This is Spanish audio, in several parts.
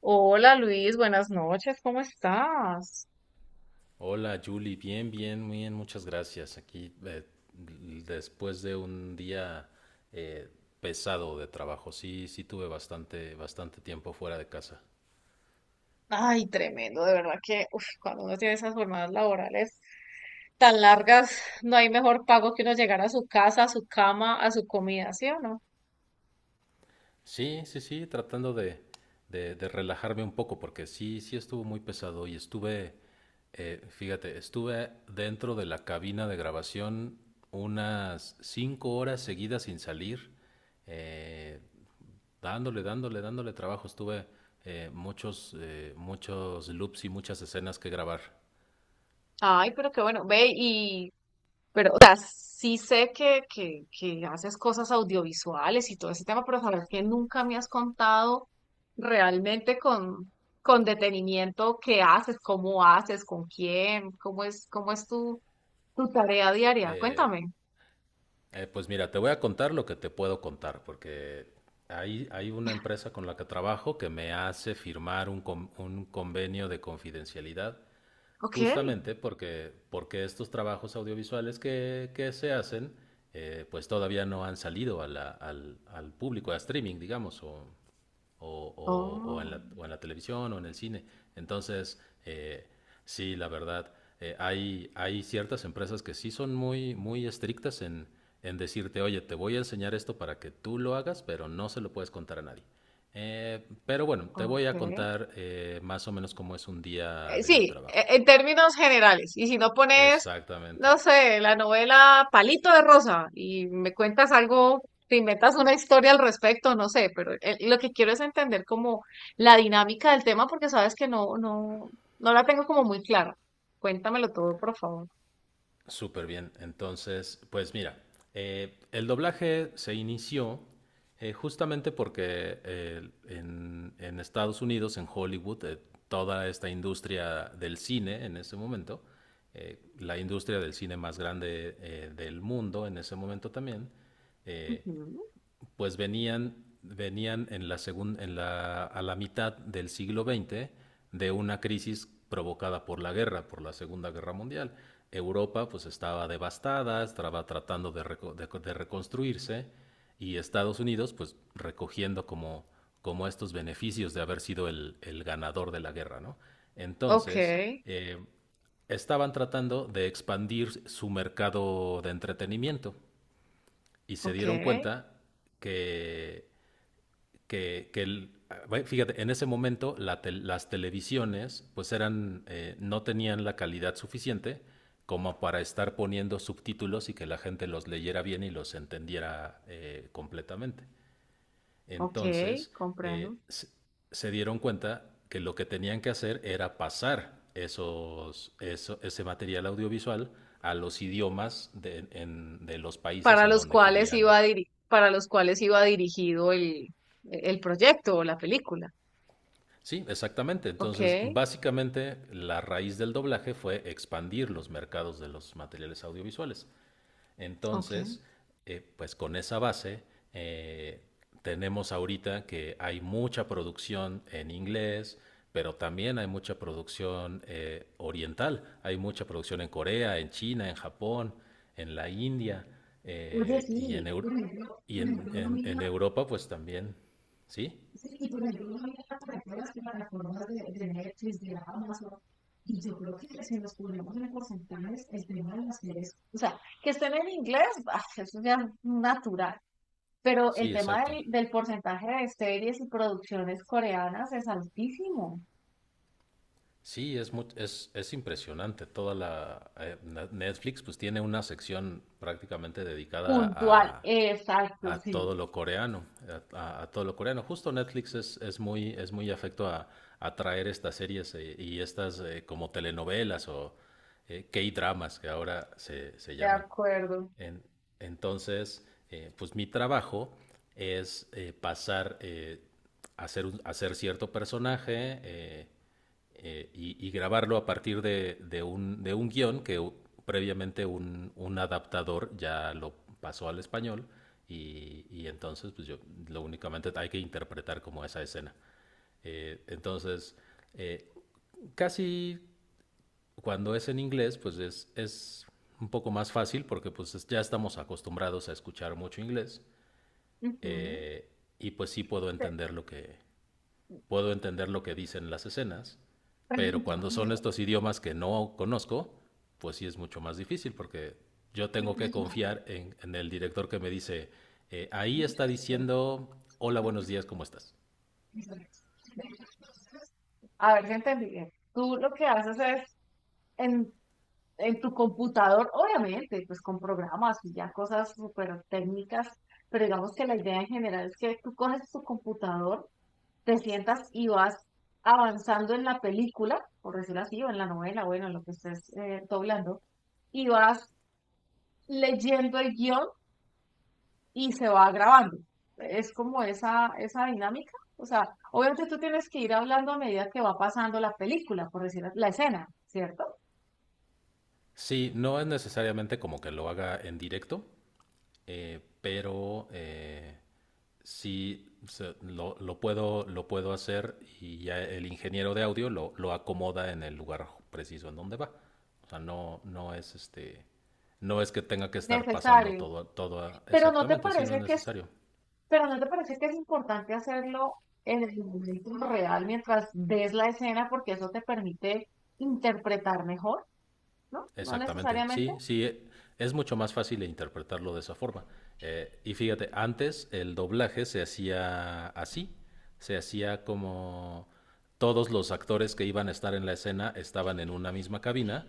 Hola Luis, buenas noches, ¿cómo estás? Hola Julie, bien, bien, muy bien, muchas gracias. Aquí después de un día eh, pesado de trabajo, sí, sí tuve bastante, bastante tiempo fuera de casa. Ay, tremendo, de verdad que uf, cuando uno tiene esas jornadas laborales tan largas, no hay mejor pago que uno llegar a su casa, a su cama, a su comida, ¿sí o no? Sí, sí, sí, tratando de relajarme un poco, porque sí, sí estuvo muy pesado y estuve, fíjate, estuve dentro de la cabina de grabación unas cinco horas seguidas sin salir, eh, dándole, dándole, dándole trabajo. Estuve muchos, muchos loops y muchas escenas que grabar. Ay, pero qué bueno, ve y, pero, o sea, sí sé que haces cosas audiovisuales y todo ese tema, pero saber que nunca me has contado realmente con detenimiento qué haces, cómo haces, con quién, cómo es tu tu tarea diaria, Eh, cuéntame. Pues mira, te voy a contar lo que te puedo contar, porque hay una empresa con la que trabajo que me hace firmar un convenio de confidencialidad, Ok. justamente porque, porque estos trabajos audiovisuales que se hacen, pues todavía no han salido a al público, a streaming, digamos, o, o en Oh. la, o en la televisión o en el cine. Entonces, sí, la verdad, hay, hay ciertas empresas que sí son muy, muy estrictas en decirte, oye, te voy a enseñar esto para que tú lo hagas, pero no se lo puedes contar a nadie. Pero bueno, te voy a Okay. contar más o menos cómo es un día de mi trabajo. En términos generales. Y si no pones, Exactamente. no sé, la novela Palito de Rosa y me cuentas algo, te inventas una historia al respecto, no sé, pero lo que quiero es entender como la dinámica del tema porque sabes que no la tengo como muy clara. Cuéntamelo todo, por favor. Súper bien. Entonces, pues mira, el doblaje se inició justamente porque en Estados Unidos, en Hollywood, toda esta industria del cine en ese momento, la industria del cine más grande del mundo en ese momento también, eh, Ujú. pues venían, venían en la segun- en la, a la mitad del siglo XX de una crisis provocada por la guerra, por la Segunda Guerra Mundial. Europa pues estaba devastada, estaba tratando de, de reconstruirse y Estados Unidos pues recogiendo como, como estos beneficios de haber sido el ganador de la guerra, ¿no? Ok, Entonces, eh, estaban tratando de expandir su mercado de entretenimiento y se ok, dieron cuenta que, que, que el, bueno, fíjate, en ese momento las televisiones pues eran, no tenían la calidad suficiente como para estar poniendo subtítulos y que la gente los leyera bien y los entendiera completamente. ok, Entonces, eh, comprendo. se se dieron cuenta que lo que tenían que hacer era pasar ese material audiovisual a los idiomas de los países en donde querían. Para los cuales iba dirigido el proyecto o la película. Sí, exactamente. Ok, Entonces, básicamente la raíz del doblaje fue expandir los mercados de los materiales audiovisuales. ok. Entonces, pues con esa base, eh, tenemos ahorita que hay mucha producción en inglés, pero también hay mucha producción oriental. Hay mucha producción en Corea, en China, en Japón, en la India Oye, eh, y, en, sí, Eur- y por en, ejemplo, uno en- mira. en Europa, pues también. Sí, Sí, y por ejemplo, uno mira para todas las plataformas de Netflix, de Amazon, y yo creo que si nos ponemos en porcentajes, el tema de las series, o sea, que estén en inglés, ah, eso ya es natural, pero el sí, tema exacto. Del porcentaje de series y producciones coreanas es altísimo. Sí, es impresionante. Toda la Netflix pues tiene una sección prácticamente dedicada Puntual, exacto, a sí. todo lo coreano, a todo lo coreano. Justo Netflix es muy afecto a traer estas series y estas como telenovelas o K-dramas que ahora se, se De llaman. acuerdo. En- entonces, pues mi trabajo es hacer cierto personaje y grabarlo a partir de un guión previamente un adaptador ya lo pasó al español y entonces pues yo lo únicamente hay que interpretar como esa escena. Entonces, eh, casi cuando es en inglés, pues es un poco más fácil porque pues ya estamos acostumbrados a escuchar mucho inglés Ujú. eh, y pues sí puedo Te- entender lo que puedo entender lo que dicen las escenas, pero Pregunta cuando son estos idiomas que no conozco, pues sí es mucho más difícil porque yo tengo que confiar en el director que me dice ahí está esto. diciendo hola buenos días cómo estás. A ver si entendí bien. Tú lo que haces es en, en tu computador, obviamente, pues con programas y ya cosas súper técnicas, pero digamos que la idea en general es que tú coges tu computador, te sientas y vas avanzando en la película, por decirlo así, o en la novela, bueno, en lo que estés doblando, y vas leyendo el guión y se va grabando. Es como esa dinámica. O sea, obviamente tú tienes que ir hablando a medida que va pasando la película, por decir la escena, ¿cierto? Sí, no es necesariamente como que lo haga en directo, pero lo puedo, lo puedo hacer y ya el ingeniero de audio lo acomoda en el lugar preciso en donde va. O sea, no, no es este, no es que tenga que estar pasando Necesario. todo, todo Pero no te exactamente, si no es parece que es, necesario. pero no te parece que es importante hacerlo en el momento real mientras ves la escena, porque eso te permite interpretar mejor, ¿no? No Exactamente, necesariamente. sí, sí, es mucho más fácil interpretarlo de esa forma. Y fíjate, antes el doblaje se hacía así, se hacía como todos los actores que iban a estar en la escena estaban en una misma cabina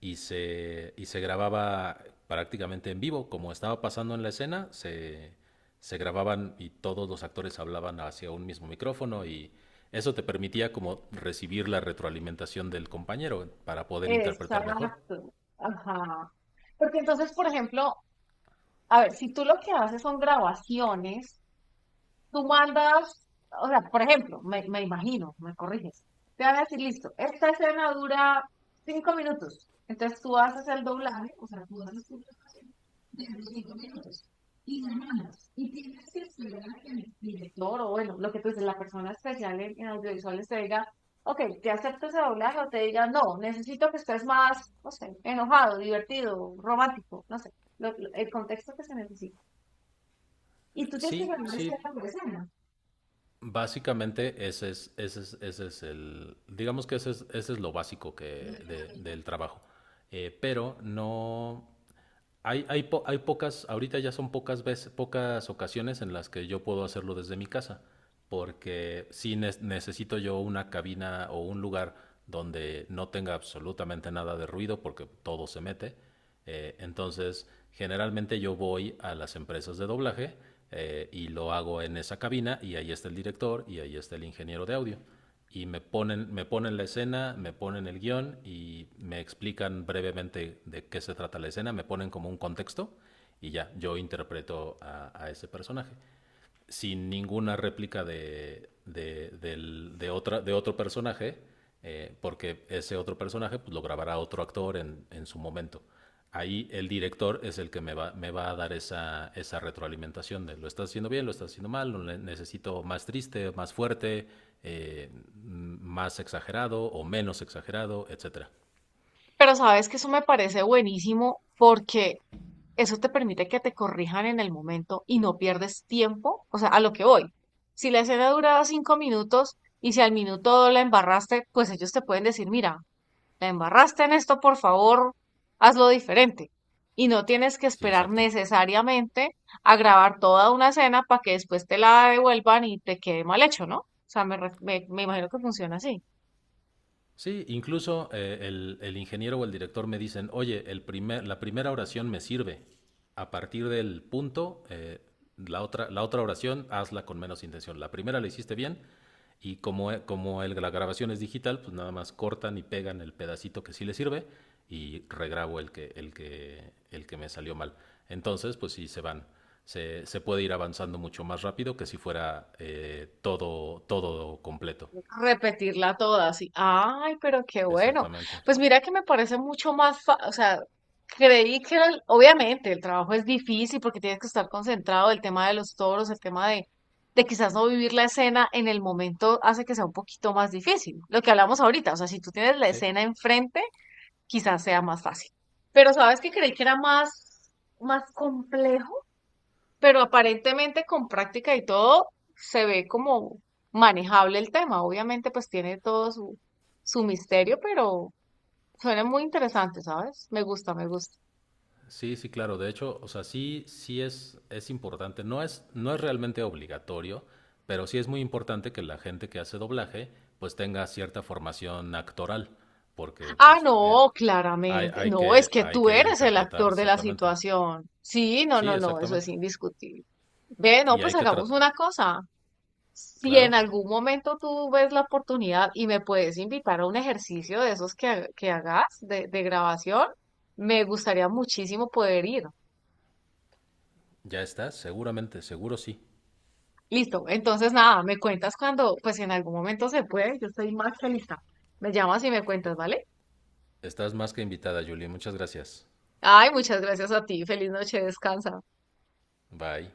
y se grababa prácticamente en vivo, como estaba pasando en la escena, se grababan y todos los actores hablaban hacia un mismo micrófono y eso te permitía como recibir la retroalimentación del compañero para poder interpretar mejor. Exacto. Ajá. Porque entonces, por ejemplo, a ver, si tú lo que haces son grabaciones tú mandas, o sea, por ejemplo, me imagino, me corriges, te van a decir, listo, esta escena dura 5 minutos, entonces tú haces el doblaje, o sea, tú haces tu doblaje de 5 minutos y la mandas, y tienes que esperar a que el director o bueno, lo que tú dices, la persona especial en audiovisuales te diga, ok, te acepto ese doblaje o te diga, no, necesito que estés más, no sé, enojado, divertido, romántico, no sé, el contexto que se necesita. Y tú tienes que Sí, ganar sí, esa escena por escena. básicamente ese es el, digamos que ese es lo básico del trabajo. Pero no, hay pocas, ahorita ya son pocas veces, pocas ocasiones en las que yo puedo hacerlo desde mi casa, porque sí necesito yo una cabina o un lugar donde no tenga absolutamente nada de ruido, porque todo se mete. Entonces, generalmente yo voy a las empresas de doblaje y lo hago en esa cabina y ahí está el director y ahí está el ingeniero de audio y me ponen la escena, me ponen el guión y me explican brevemente de qué se trata la escena, me ponen como un contexto y ya, yo interpreto a ese personaje sin ninguna réplica de otra, de otro personaje, porque ese otro personaje pues, lo grabará otro actor en su momento. Ahí el director es el que me va a dar esa, esa retroalimentación de lo estás haciendo bien, lo estás haciendo mal, lo necesito más triste, más fuerte, eh, más exagerado o menos exagerado, etcétera. Pero sabes que eso me parece buenísimo porque eso te permite que te corrijan en el momento y no pierdes tiempo, o sea, a lo que voy. Si la escena duraba 5 minutos y si al minuto la embarraste, pues ellos te pueden decir, mira, la embarraste en esto, por favor, hazlo diferente. Y no tienes que Sí, esperar exacto. necesariamente a grabar toda una escena para que después te la devuelvan y te quede mal hecho, ¿no? O sea, me, re- me me imagino que funciona así. Sí, incluso el ingeniero o el director me dicen, oye, la primera oración me sirve. A partir del punto, la otra oración hazla con menos intención. La primera la hiciste bien y como, e- como el- la grabación es digital, pues nada más cortan y pegan el pedacito que sí le sirve y regrabo el que me salió mal. Entonces, pues sí, se van. Se puede ir avanzando mucho más rápido que si fuera todo, todo completo. Repetirla toda, así. Ay, pero qué bueno. Exactamente. Pues mira que me parece mucho o sea, creí que era obviamente el trabajo es difícil porque tienes que estar concentrado, el tema de los toros, el tema de quizás no vivir la escena en el momento hace que sea un poquito más difícil. Lo que hablamos ahorita, o sea, si tú tienes la Sí. escena enfrente, quizás sea más fácil. Pero sabes que creí que era más complejo, pero aparentemente con práctica y todo se ve como manejable el tema. Obviamente pues tiene todo su misterio, pero suena muy interesante, ¿sabes? Me gusta, me gusta. Sí, sí, claro. De hecho, o sea, sí, es importante. No no es realmente obligatorio, pero sí es muy importante que la gente que hace doblaje, pues tenga cierta formación actoral, porque Ah, pues, no, claramente. No, es que hay tú que eres el interpretar actor de la exactamente. situación. Sí, no, Sí, no, no, eso es exactamente. indiscutible. Ve, no, Y pues hay que hagamos tratar. una cosa. Si en Claro, algún momento tú ves la oportunidad y me puedes invitar a un ejercicio de esos que hagas de grabación, me gustaría muchísimo poder ir. ya estás, seguramente, seguro sí. Listo, entonces nada, me cuentas cuando, pues en algún momento se puede, yo estoy más que lista. Me llamas y me cuentas, ¿vale? Estás más que invitada, Julie. Muchas gracias. Ay, muchas gracias a ti, feliz noche, descansa. Bye.